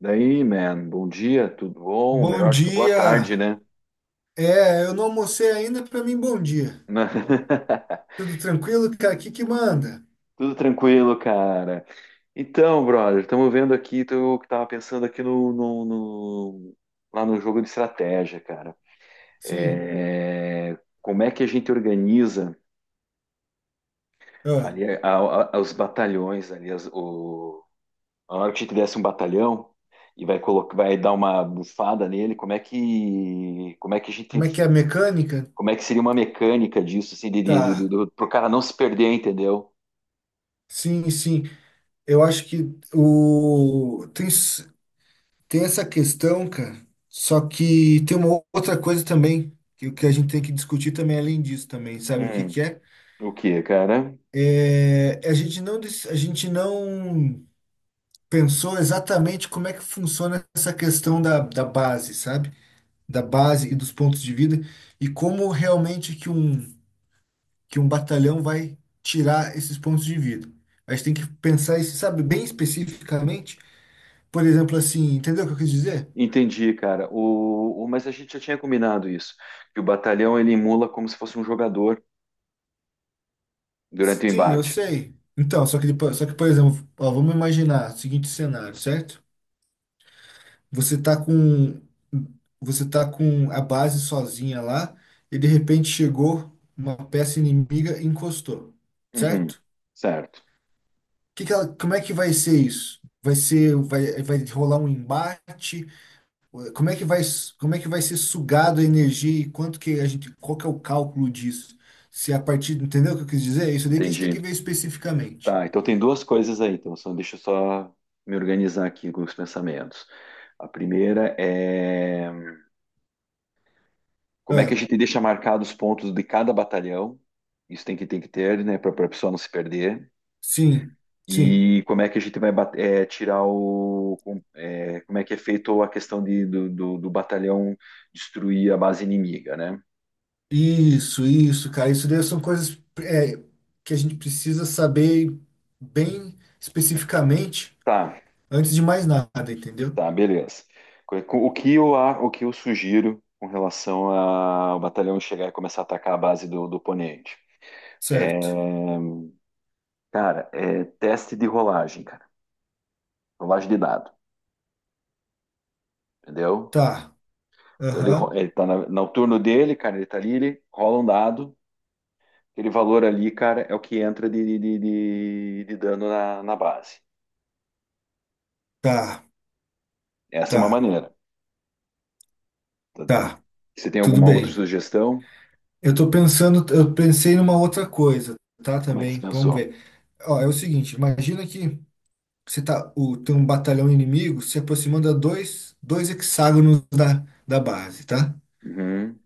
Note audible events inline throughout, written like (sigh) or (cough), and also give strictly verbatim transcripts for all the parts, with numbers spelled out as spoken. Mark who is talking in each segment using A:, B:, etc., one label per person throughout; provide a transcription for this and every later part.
A: Daí, man, bom dia, tudo bom?
B: Bom
A: Melhor acho que boa tarde,
B: dia.
A: né?
B: É, eu não almocei ainda, pra mim bom dia.
A: (laughs)
B: Tudo tranquilo, cara? O que que manda?
A: Tudo tranquilo, cara. Então, brother, estamos vendo aqui, tô, tava pensando aqui no, no- no- lá no jogo de estratégia, cara.
B: Sim.
A: É, como é que a gente organiza
B: Ah,
A: ali a- a- a- os batalhões ali, as- o- a hora que a gente desse um batalhão e vai colocar, vai dar uma bufada nele, como é que, como é que a gente...
B: como é que é a mecânica?
A: Como é que seria uma mecânica disso, assim, de, de, de, do-
B: Tá.
A: do- pro cara não se perder, entendeu?
B: Sim, sim. Eu acho que o tem s- tem essa questão, cara. Só que tem uma outra coisa também que o que a gente tem que discutir também além disso também, sabe o que
A: Hum,
B: que é?
A: o que, cara?
B: É, a gente não dec- a gente não pensou exatamente como é que funciona essa questão da, da base, sabe? Da base e dos pontos de vida e como realmente que um que um batalhão vai tirar esses pontos de vida. A gente tem que pensar isso, sabe, bem especificamente. Por exemplo, assim, entendeu o que eu quis dizer?
A: Entendi, cara. O, o- mas a gente já tinha combinado isso, que o batalhão ele emula como se fosse um jogador durante o
B: Sim, eu
A: embate.
B: sei. Então, só que depois, só que, por exemplo, ó, vamos imaginar o seguinte cenário, certo? Você tá com você tá com a base sozinha lá, e de repente chegou uma peça inimiga e encostou,
A: Uhum,
B: certo?
A: certo,
B: Que que ela- como é que vai ser isso? Vai ser, vai, vai rolar um embate? Como é que vai, como é que vai ser sugado a energia? E quanto que a gente, qual que é o cálculo disso? Se a partir, Entendeu o que eu quis dizer? Isso daí que a gente tem
A: entendi.
B: que ver especificamente.
A: Tá, então tem duas coisas aí, então só, deixa eu só me organizar aqui com os pensamentos. A primeira é como é que a
B: Ah,
A: gente deixa marcados os pontos de cada batalhão? Isso tem que, tem que ter, né, para a pessoa não se perder.
B: sim, sim.
A: E como é que a gente vai bat- eh, tirar o. com- eh, como é que é feito a questão de, do, do, do batalhão destruir a base inimiga, né?
B: Isso, isso, cara. Isso daí são coisas é, que a gente precisa saber bem especificamente
A: Tá,
B: antes de mais nada, entendeu?
A: tá, beleza. Co- co- O que eu, a- o que eu sugiro com relação a- ao batalhão chegar e começar a atacar a base do, do oponente? É,
B: Certo.
A: cara, é teste de rolagem, cara. Rolagem de dado, entendeu?
B: Tá.
A: Então ele, ro-
B: Aham.
A: ele tá na- no turno dele, cara, ele tá ali, ele rola um dado. Aquele valor ali, cara, é o que entra de, de, de, de dano na, na base.
B: Tá,
A: Essa é uma
B: tá,
A: maneira. Tá?
B: tá.
A: Você tem
B: Tudo
A: alguma outra
B: bem.
A: sugestão?
B: Eu tô pensando, eu pensei numa outra coisa, tá?
A: Como é que você
B: Também, vamos
A: pensou?
B: ver. Ó, é o seguinte, imagina que você tá, o, tem um batalhão inimigo se aproximando a dois, dois hexágonos da, da base, tá?
A: Uhum,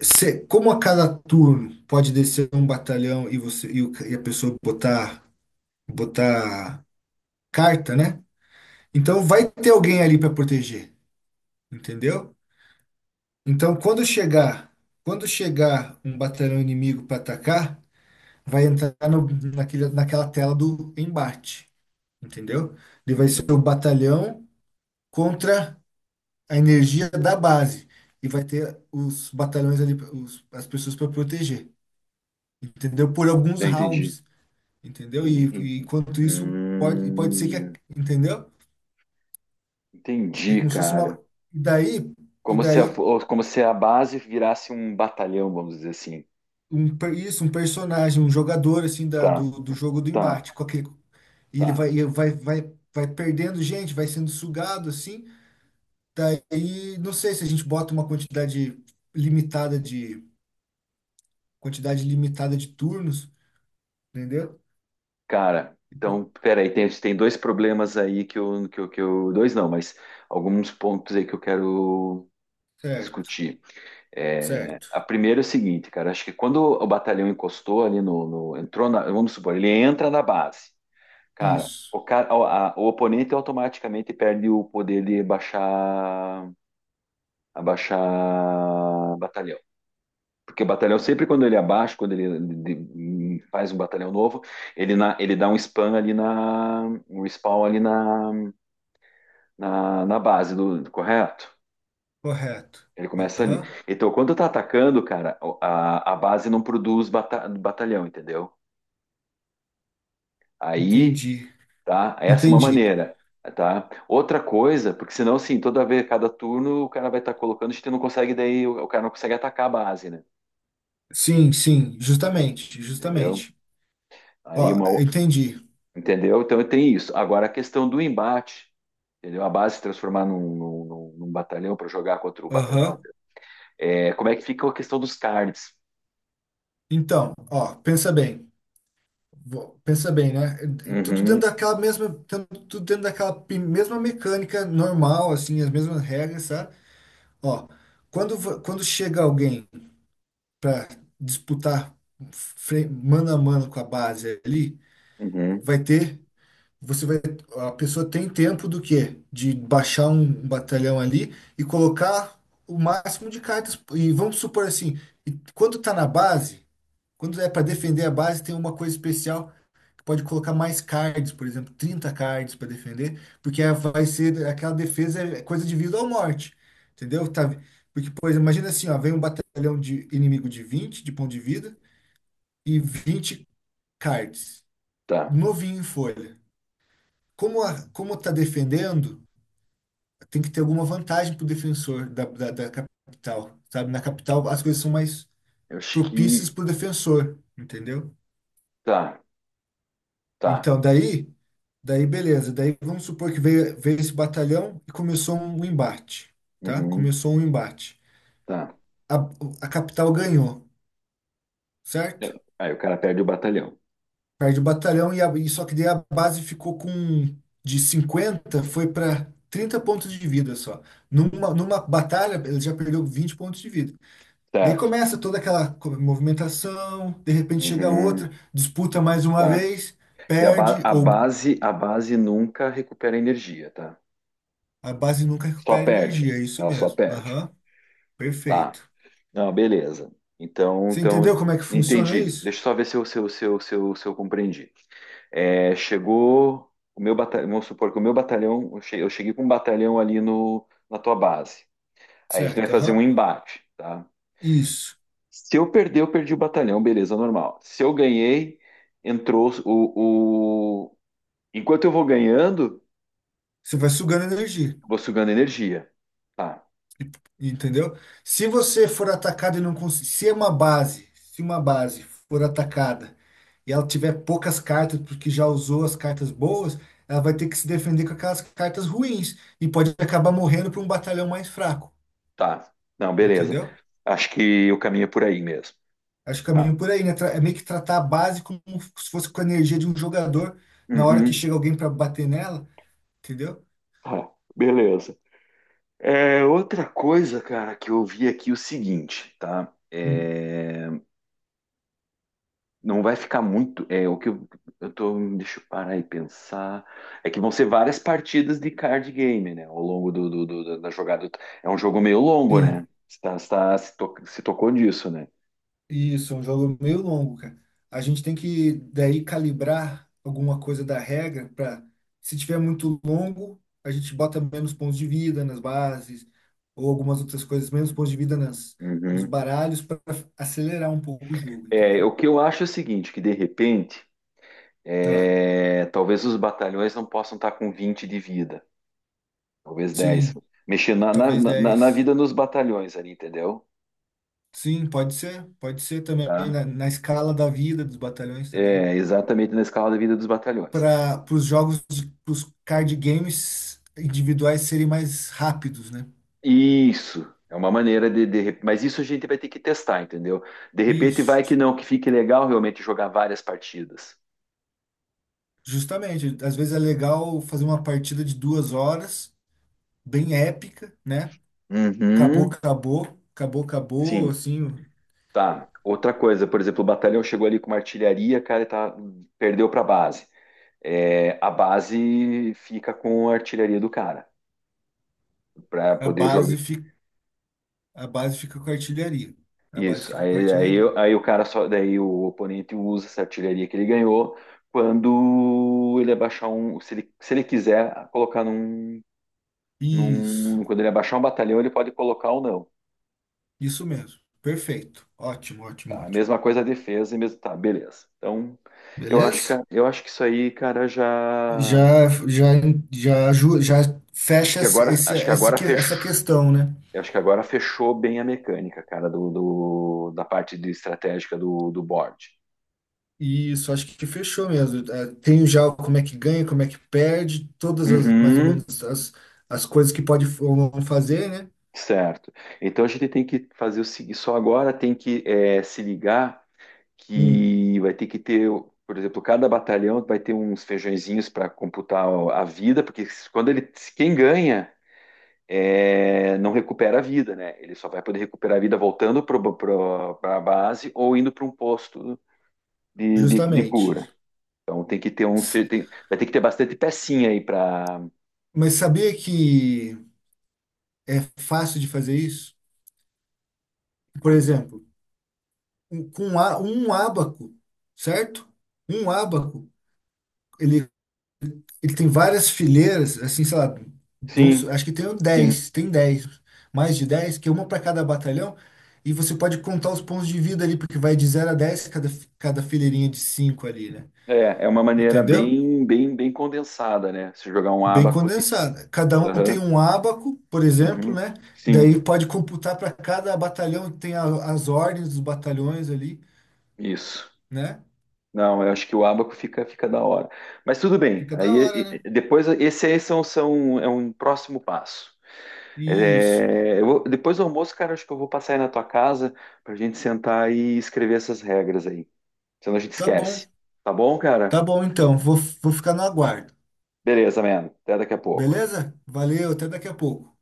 B: Você, como a cada turno pode descer um batalhão e você e, o e a pessoa botar botar carta, né? Então vai ter alguém ali para proteger, entendeu? Então quando chegar, quando chegar um batalhão inimigo para atacar, vai entrar no, naquele, naquela tela do embate, entendeu? Ele vai ser o
A: uhum.
B: batalhão contra a energia da base, e vai ter os batalhões ali, os- as pessoas para proteger, entendeu? Por alguns
A: Tá, entendi.
B: rounds, entendeu? E,
A: Entendi, en-
B: e enquanto isso pode, pode ser que, a-
A: hum,
B: Entendeu? É
A: entendi,
B: como se fosse uma
A: cara.
B: e daí e
A: Como se
B: daí
A: a, fo- como se a base virasse um batalhão, vamos dizer assim.
B: um per- isso um personagem, um jogador assim da,
A: Tá,
B: do, do jogo do
A: tá,
B: embate, qualquer, e ele
A: tá.
B: vai, e vai, vai, vai perdendo gente, vai sendo sugado assim. Daí, não sei se a gente bota uma quantidade limitada de quantidade limitada de turnos, entendeu?
A: Cara,
B: Tipo,
A: então, peraí, tem, tem dois problemas aí que eu, que eu, que eu... Dois não, mas alguns pontos aí que eu quero
B: certo,
A: discutir. É,
B: certo.
A: a primeira é o seguinte, cara, acho que quando o batalhão encostou ali no, no-, entrou na, vamos supor, ele entra na base, cara,
B: Isso,
A: o cara, a- a- o oponente automaticamente perde o poder de abaixar, abaixar batalhão, porque o batalhão sempre quando ele abaixa, quando ele, de- de- faz um batalhão novo, ele na, ele dá um spam ali na, um spawn ali na, na, na base do, correto?
B: correto.
A: Ele começa ali.
B: Aham,
A: Então, quando tá atacando, cara, a, a base não produz bata- batalhão, entendeu? Aí,
B: entendi,
A: tá? Essa é uma
B: entendi.
A: maneira, tá? Outra coisa, porque senão, assim, toda vez, cada turno, o cara vai estar colocando, a gente não consegue, daí o, o cara não consegue atacar a base, né?
B: Sim, sim, justamente,
A: Entendeu?
B: justamente.
A: Aí
B: Ó,
A: uma, o-
B: entendi.
A: entendeu? Então tem isso. Agora a questão do embate, entendeu? A base se transformar num, num- num- num batalhão para jogar contra o batalhão.
B: Aham.
A: É, como é que fica a questão dos cards?
B: Então, ó, pensa bem. Vo- Pensa bem, né? Tudo dentro
A: Uhum,
B: daquela mesma, tan- tudo dentro daquela pi- mesma mecânica normal, assim, as mesmas regras, sabe? Ó, quando, vo- quando chega alguém para disputar fre- mano a mano com a base ali,
A: uhum,
B: vai ter, você vai, a pessoa tem tempo do quê? De baixar um batalhão ali e colocar o máximo de cartas. E vamos supor assim, e quando tá na base, quando é para defender a base, tem uma coisa especial que pode colocar mais cards, por exemplo, trinta cards para defender, porque é- vai ser aquela defesa, é coisa de vida ou morte. Entendeu? Tá, porque, por exemplo, imagina assim, ó, vem um batalhão de inimigo de vinte de ponto de vida, e vinte cards,
A: tá.
B: novinho em folha. Como a, como tá defendendo, tem que ter alguma vantagem pro defensor da, da, da capital, sabe? Na capital as coisas são mais
A: Eu acho
B: propícias
A: que...
B: pro defensor, entendeu?
A: tá, tá.
B: Então, daí, daí beleza. Daí vamos supor que veio, veio esse batalhão e começou um embate, tá?
A: Uhum.
B: Começou um embate.
A: Tá.
B: A, a capital ganhou,
A: É.
B: certo?
A: Aí o cara perde o batalhão.
B: Perde o batalhão e, a, e só que daí a base ficou com de cinquenta foi para trinta pontos de vida só. Numa, numa batalha ele já perdeu vinte pontos de vida. Daí
A: Certo.
B: começa toda aquela co- movimentação, de repente chega
A: Uhum.
B: outra, disputa mais uma
A: Tá.
B: vez,
A: E a, ba-
B: perde,
A: a
B: ou
A: base, a base nunca recupera energia, tá?
B: a base nunca
A: Só
B: recupera
A: perde.
B: energia, é isso
A: Ela só
B: mesmo.
A: perde.
B: Aham.
A: Tá.
B: Perfeito.
A: Não, beleza. Então,
B: Você
A: então,
B: entendeu como é que funciona
A: entendi.
B: isso?
A: Deixa eu só ver se eu, se eu, se eu, se eu, se eu compreendi. É, chegou o meu batalhão, vamos supor que o meu batalhão, eu che- eu cheguei com um batalhão ali no, na tua base. Aí a gente vai
B: Certo,
A: fazer um
B: aham.
A: embate, tá?
B: Isso.
A: Se eu perder, eu perdi o batalhão, beleza, normal. Se eu ganhei, entrou o, o... Enquanto eu vou ganhando,
B: Você vai sugando energia.
A: eu vou sugando energia. Tá,
B: Entendeu? Se você for atacado e não conseguir, se é uma base, se uma base for atacada e ela tiver poucas cartas porque já usou as cartas boas, ela vai ter que se defender com aquelas cartas ruins e pode acabar morrendo para um batalhão mais fraco,
A: tá. Não, beleza.
B: entendeu?
A: Acho que o caminho é por aí mesmo.
B: Acho que o
A: Tá.
B: caminho por aí, né? Tra- É meio que tratar a base como se fosse com a energia de um jogador na hora que
A: Uhum,
B: chega alguém para bater nela, entendeu?
A: tá, beleza. É, outra coisa, cara, que eu vi aqui é o seguinte, tá?
B: Hum.
A: É... Não vai ficar muito. É o que eu, eu tô... Deixa eu parar e pensar. É que vão ser várias partidas de card game, né? Ao longo do, do- do- da da jogada. É um jogo meio longo,
B: Sim.
A: né? Você tá- você tá- se, to- se tocou disso, né?
B: Isso, é um jogo meio longo, cara. A gente tem que daí calibrar alguma coisa da regra para, se tiver muito longo, a gente bota menos pontos de vida nas bases, ou algumas outras coisas, menos pontos de vida nas, nos
A: Uhum.
B: baralhos, para acelerar um pouco o jogo,
A: É,
B: entendeu?
A: o que eu acho é o seguinte, que de repente,
B: Ah,
A: é, talvez os batalhões não possam estar com vinte de vida, talvez dez,
B: sim,
A: mexer na, na,
B: talvez
A: na, na
B: dez.
A: vida dos batalhões ali, entendeu?
B: Sim, pode ser, pode ser também
A: Tá?
B: na, na escala da vida dos batalhões também.
A: É, exatamente na escala da vida dos batalhões.
B: Para os jogos, os card games individuais serem mais rápidos, né?
A: Isso é uma maneira de, de re- mas isso a gente vai ter que testar, entendeu? De repente vai que
B: Isso.
A: não, que fique legal realmente jogar várias partidas.
B: Justamente, às vezes é legal fazer uma partida de duas horas, bem épica, né? Acabou,
A: Uhum,
B: acabou, acabou, acabou,
A: sim,
B: assim,
A: tá. Outra coisa, por exemplo, o batalhão chegou ali com uma artilharia, cara, e tá, perdeu para base. É, a base fica com a artilharia do cara para
B: a
A: poder jogar.
B: base fica, a base fica com a artilharia. A base
A: Isso.
B: fica com a
A: Aí, aí,
B: artilharia.
A: aí o cara só, daí o oponente usa essa artilharia que ele ganhou quando ele abaixar um, se ele, se ele quiser colocar num...
B: Isso,
A: Num- quando ele abaixar um batalhão, ele pode colocar ou não.
B: isso mesmo. Perfeito. Ótimo, ótimo,
A: Tá? A
B: ótimo.
A: mesma coisa a defesa e mesmo. Tá, beleza. Então, eu acho que,
B: Beleza?
A: eu acho que isso aí, cara, já.
B: Já, já, já, aju- já
A: Acho
B: fecha
A: que
B: esse,
A: agora,
B: esse-
A: acho que
B: essa
A: agora
B: que- essa
A: fechou.
B: questão, né?
A: Eu acho que agora fechou bem a mecânica, cara, do, do- da parte de estratégica do, do board.
B: Isso, acho que fechou mesmo. Eh, Tenho já como é que ganha, como é que perde, todas as, mais ou
A: Uhum,
B: menos as, as coisas que pode ou não fazer, né?
A: certo. Então a gente tem que fazer o seguinte, só agora tem que é, se ligar
B: Hum,
A: que vai ter que ter, por exemplo, cada batalhão vai ter uns feijõezinhos para computar a vida, porque quando ele, quem ganha é, não recupera a vida, né? Ele só vai poder recuperar a vida voltando para a base ou indo para um posto de, de, de cura.
B: justamente.
A: Então tem que ter uns,
B: S-
A: fe- tem- vai ter que ter bastante pecinha aí para.
B: Mas sabia que é fácil de fazer isso? Por exemplo, um- com um, á- um ábaco, certo? Um ábaco, ele Ele tem várias fileiras, assim, sei lá, de uns-
A: Sim,
B: acho que tem
A: sim.
B: dez, tem dez, mais de dez, que é uma para cada batalhão, e você pode contar os pontos de vida ali, porque vai de zero a dez, cada, fi- cada fileirinha de cinco ali, né?
A: É, é uma maneira
B: Entendeu?
A: bem, bem, bem condensada, né? Se jogar um
B: Bem
A: abaco de...
B: condensada. Cada um tem
A: Aham,
B: um ábaco, por exemplo,
A: uhum,
B: né?
A: sim,
B: Daí pode computar para cada batalhão, tem a- as ordens dos batalhões ali,
A: isso.
B: né?
A: Não, eu acho que o Abaco fica, fica da hora. Mas tudo bem.
B: Fica da
A: Aí
B: hora,
A: e-
B: né?
A: e- depois esse aí são, são, é um próximo passo.
B: Isso.
A: É, eu vou- depois do almoço, cara, acho que eu vou passar aí na tua casa pra gente sentar e escrever essas regras aí. Senão a gente
B: Tá bom.
A: esquece. Tá bom,
B: Tá
A: cara?
B: bom, então. Vou, vou ficar no aguardo.
A: Beleza, mano. Até daqui a pouco.
B: Beleza? Valeu, até daqui a pouco.